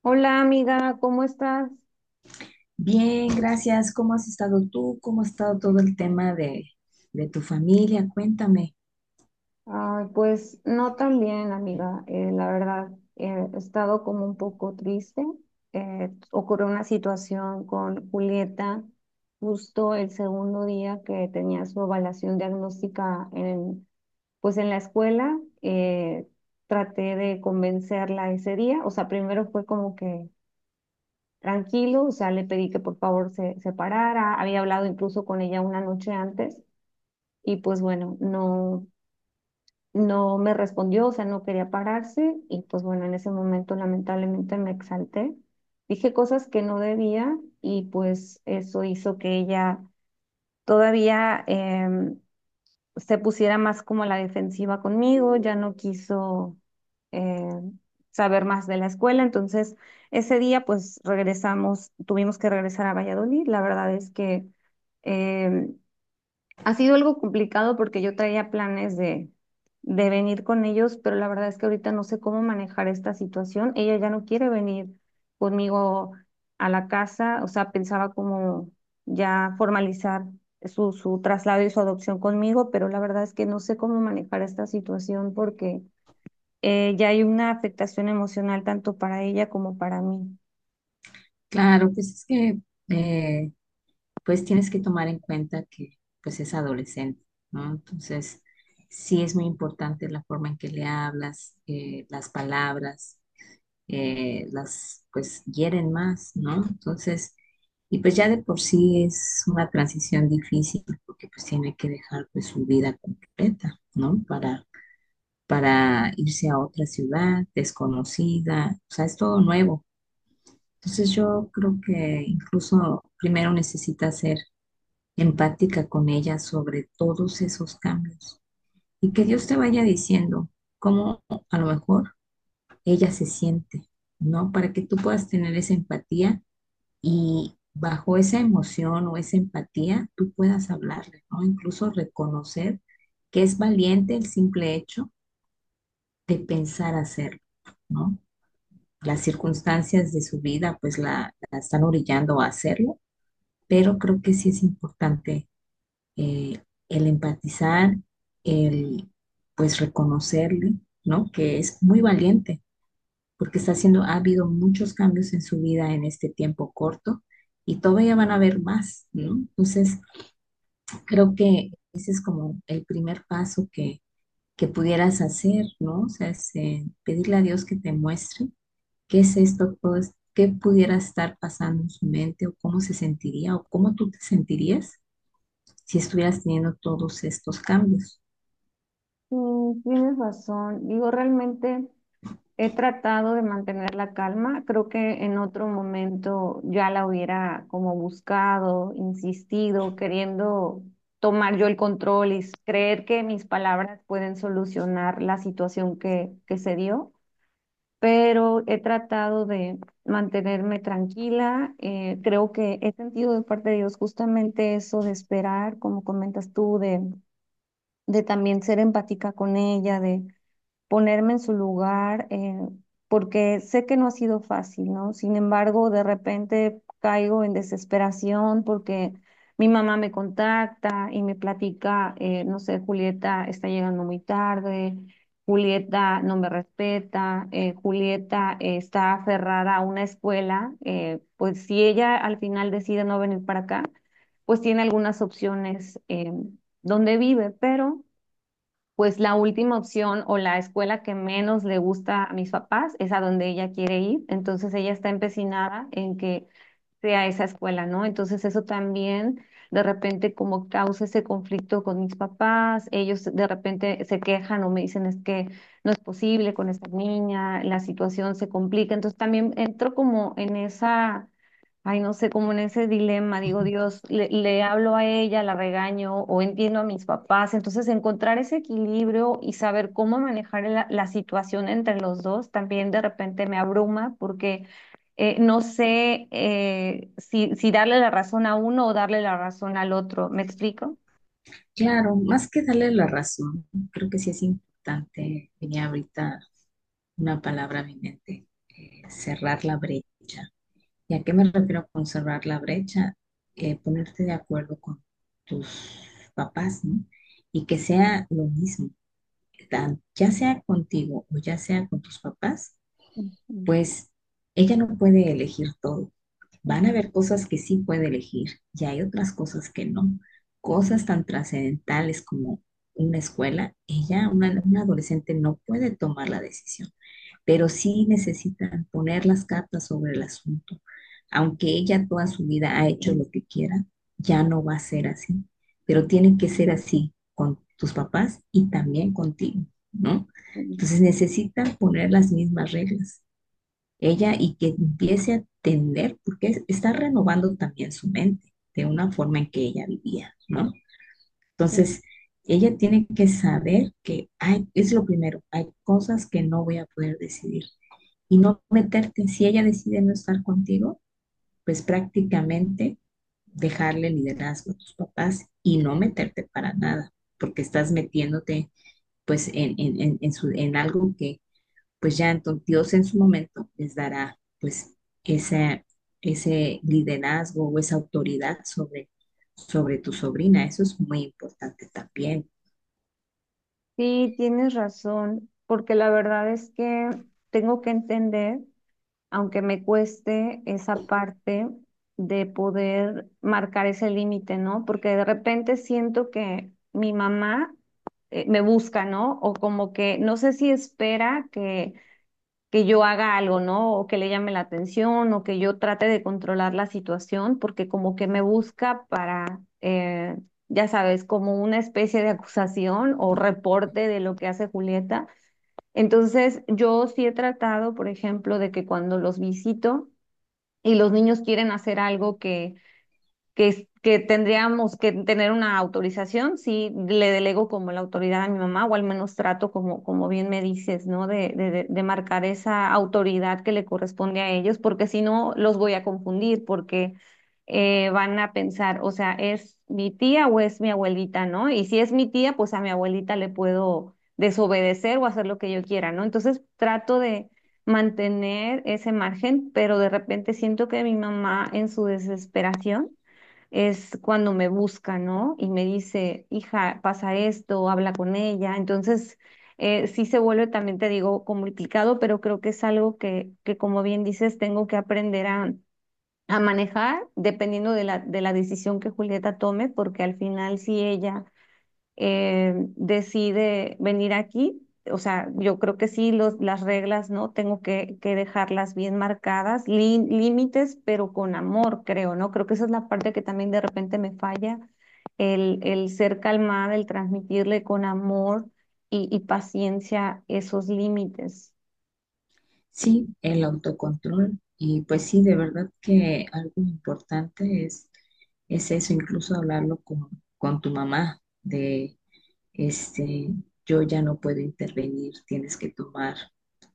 Hola amiga, ¿cómo estás? Bien, gracias. ¿Cómo has estado tú? ¿Cómo ha estado todo el tema de tu familia? Cuéntame. Ay, pues no tan bien amiga, la verdad, he estado como un poco triste. Ocurrió una situación con Julieta justo el segundo día que tenía su evaluación diagnóstica en, pues en la escuela. Traté de convencerla ese día, o sea, primero fue como que tranquilo, o sea, le pedí que por favor se separara, había hablado incluso con ella una noche antes. Y pues bueno, no me respondió, o sea, no quería pararse y pues bueno, en ese momento lamentablemente me exalté. Dije cosas que no debía y pues eso hizo que ella todavía se pusiera más como a la defensiva conmigo, ya no quiso em, saber más de la escuela. Entonces, ese día pues regresamos, tuvimos que regresar a Valladolid. La verdad es que... em, ha sido algo complicado porque yo traía planes de venir con ellos, pero la verdad es que ahorita no sé cómo manejar esta situación. Ella ya no quiere venir conmigo a la casa, o sea, pensaba como ya formalizar su traslado y su adopción conmigo, pero la verdad es que no sé cómo manejar esta situación porque ya hay una afectación emocional tanto para ella como para mí. Claro, pues es que eh, pues tienes que tomar en cuenta que pues es adolescente, ¿no? Entonces, sí es muy importante la forma en que le hablas, las palabras, las pues hieren más, ¿no? Entonces, y pues ya de por sí es una transición difícil porque pues tiene que dejar pues su vida completa, ¿no? Para irse a otra ciudad desconocida, o sea, es todo nuevo. Entonces yo creo que incluso primero necesita ser empática con ella sobre todos esos cambios y que Dios te vaya diciendo cómo a lo mejor ella se siente, ¿no? Para que tú puedas tener esa empatía y bajo esa emoción o esa empatía tú puedas hablarle, ¿no? Incluso reconocer que es valiente el simple hecho de pensar hacerlo, ¿no? Las circunstancias de su vida pues la están orillando a hacerlo, pero creo que sí es importante eh, el empatizar, el pues reconocerle, ¿no? Que es muy valiente porque está haciendo, ha habido muchos cambios en su vida en este tiempo corto y todavía van a haber más, ¿no? Entonces, creo que ese es como el primer paso que pudieras hacer, ¿no? O sea, es, pedirle a Dios que te muestre qué es esto, ¿cómo qué pudiera estar pasando en su mente o cómo se sentiría o cómo tú te sentirías si estuvieras teniendo todos estos cambios? Mm, tienes razón. Digo, realmente, he tratado de mantener la calma. Creo que en otro momento ya la hubiera como buscado, insistido, queriendo tomar yo el control y creer que mis palabras pueden solucionar la situación que se dio. Pero he tratado de mantenerme tranquila. Creo que he sentido de parte de Dios justamente eso de esperar, como comentas tú, de también ser empática con ella, de ponerme en su lugar, porque sé que no ha sido fácil, ¿no? Sin embargo, de repente caigo en desesperación porque mi mamá me contacta y me platica, no sé, Julieta está llegando muy tarde, Julieta no me respeta, Julieta está aferrada a una escuela, pues si ella al final decide no venir para acá, pues tiene algunas opciones donde vive, pero pues la última opción o la escuela que menos le gusta a mis papás es a donde ella quiere ir. Entonces ella está empecinada en que sea esa escuela, ¿no? Entonces eso también de repente como causa ese conflicto con mis papás, ellos de repente se quejan o me dicen es que no es posible con esta niña, la situación se complica, entonces también entro como en esa, ay, no sé, como en ese dilema, digo, Ujú. Dios, le hablo a ella, la regaño o entiendo a mis papás. Entonces, encontrar ese equilibrio y saber cómo manejar la situación entre los dos también de repente me abruma porque no sé, si darle la razón a uno o darle la razón al otro. ¿Me explico? Claro, más que darle la razón, creo que sí es importante, venía ahorita una palabra a mi mente, cerrar la brecha. ¿Y a qué me refiero con cerrar la brecha? Ponerte de acuerdo con tus papás, ¿no? Y que sea lo mismo, ya sea contigo o ya sea con tus papás. Ujú, Pues ella no puede elegir todo. ujú, Van a haber cosas que sí puede elegir y hay otras cosas que no. Cosas tan trascendentales como una escuela, ella, una adolescente, no puede tomar la decisión, pero sí necesitan poner las cartas sobre el asunto. Aunque ella toda su vida ha hecho lo que quiera, ya no va a ser así, pero tiene que ser así con tus papás y también contigo, ¿no? Entonces necesitan poner las mismas reglas ella y que empiece a entender, porque está renovando también su mente de una forma en que ella vivía, ¿no? sí. Entonces, ella tiene que saber que hay, es lo primero, hay cosas que no voy a poder decidir y no meterte, si ella decide no estar contigo, pues prácticamente dejarle liderazgo a tus papás y no meterte para nada, porque estás metiéndote pues en algo que pues ya entonces Dios en su momento les dará pues ese, ese liderazgo o esa autoridad sobre tu sobrina. Eso es muy importante también. Sí, tienes razón, porque la verdad es que tengo que entender, aunque me cueste esa parte de poder marcar ese límite, ¿no? Porque de repente siento que mi mamá me busca, ¿no? O como que no sé si espera que yo haga algo, ¿no? O que le llame la atención o que yo trate de controlar la situación, porque como que me busca para, ya sabes, como una especie de acusación o reporte de lo que hace Julieta. Entonces, yo sí he tratado, por ejemplo, de que cuando los visito y los niños quieren hacer algo que tendríamos que tener una autorización, sí le delego como la autoridad a mi mamá, o al menos trato como, como bien me dices, ¿no? De marcar esa autoridad que le corresponde a ellos, porque si no los voy a confundir, porque van a pensar, o sea, ¿es mi tía o es mi abuelita?, ¿no? Y si es mi tía, pues a mi abuelita le puedo desobedecer o hacer lo que yo quiera, ¿no? Entonces trato de mantener ese margen, pero de repente siento que mi mamá en su desesperación es cuando me busca, ¿no? Y me dice, hija, pasa esto, habla con ella. Entonces, sí se vuelve también, te digo, complicado, pero creo que es algo que como bien dices, tengo que aprender a manejar dependiendo de de la decisión que Julieta tome, porque al final, si ella decide venir aquí. O sea, yo creo que sí, las reglas, ¿no? Tengo que dejarlas bien marcadas, límites, pero con amor, creo, ¿no? Creo que esa es la parte que también de repente me falla, el ser calmada, el transmitirle con amor y paciencia esos límites. Sí, el autocontrol. Y pues sí, de verdad que algo importante es eso, incluso hablarlo con tu mamá de, este, yo ya no puedo intervenir, tienes que tomar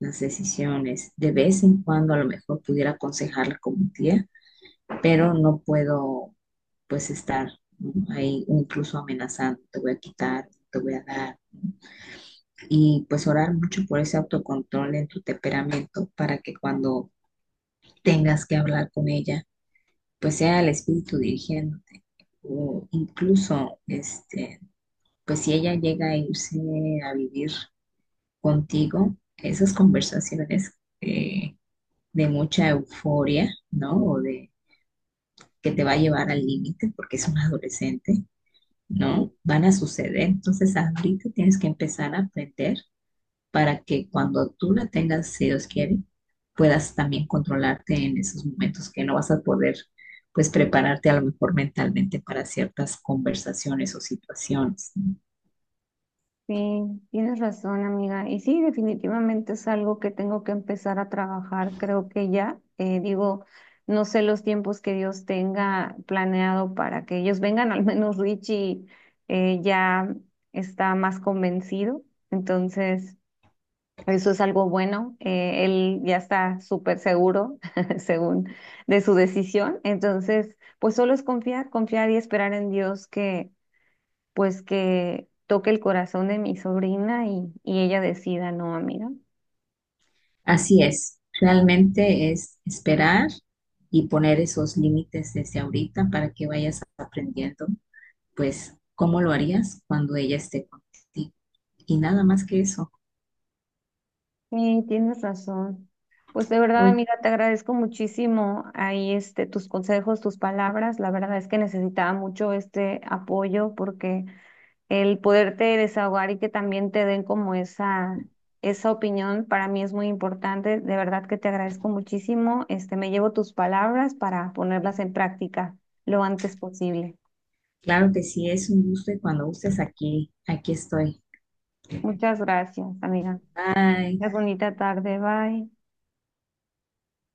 las decisiones. De vez en cuando a lo mejor pudiera aconsejarla como tía, pero no puedo pues estar, ¿no? Ahí incluso amenazando, te voy a quitar, te voy a dar. Y pues orar mucho por ese autocontrol en tu temperamento para que cuando tengas que hablar con ella, pues sea el espíritu dirigiéndote. O incluso, este, pues si ella llega a irse a vivir contigo, esas conversaciones eh, de mucha euforia, ¿no? O de que te va a llevar al límite porque es un adolescente, ¿no? Van a suceder. Entonces, ahorita tienes que empezar a aprender para que cuando tú la tengas, si Dios quiere, puedas también controlarte en esos momentos que no vas a poder, pues, prepararte a lo mejor mentalmente para ciertas conversaciones o situaciones, ¿no? Sí, tienes razón, amiga. Y sí, definitivamente es algo que tengo que empezar a trabajar. Creo que ya, digo, no sé los tiempos que Dios tenga planeado para que ellos vengan. Al menos Richie ya está más convencido. Entonces, eso es algo bueno. Él ya está súper seguro, según, de su decisión. Entonces, pues solo es confiar, confiar y esperar en Dios pues que toque el corazón de mi sobrina y ella decida, no, amiga. Así es. Realmente es esperar y poner esos límites desde ahorita para que vayas aprendiendo, pues, cómo lo harías cuando ella esté contigo. Y nada más que eso. Sí, tienes razón. Pues de verdad, Oye. amiga, te agradezco muchísimo ahí este tus consejos, tus palabras. La verdad es que necesitaba mucho este apoyo porque el poderte desahogar y que también te den como esa opinión para mí es muy importante. De verdad que te agradezco muchísimo. Este, me llevo tus palabras para ponerlas en práctica lo antes posible. Claro que sí, es un gusto y cuando gustes aquí, aquí estoy. Muchas gracias, amiga. Bye. Tengas bonita tarde, bye.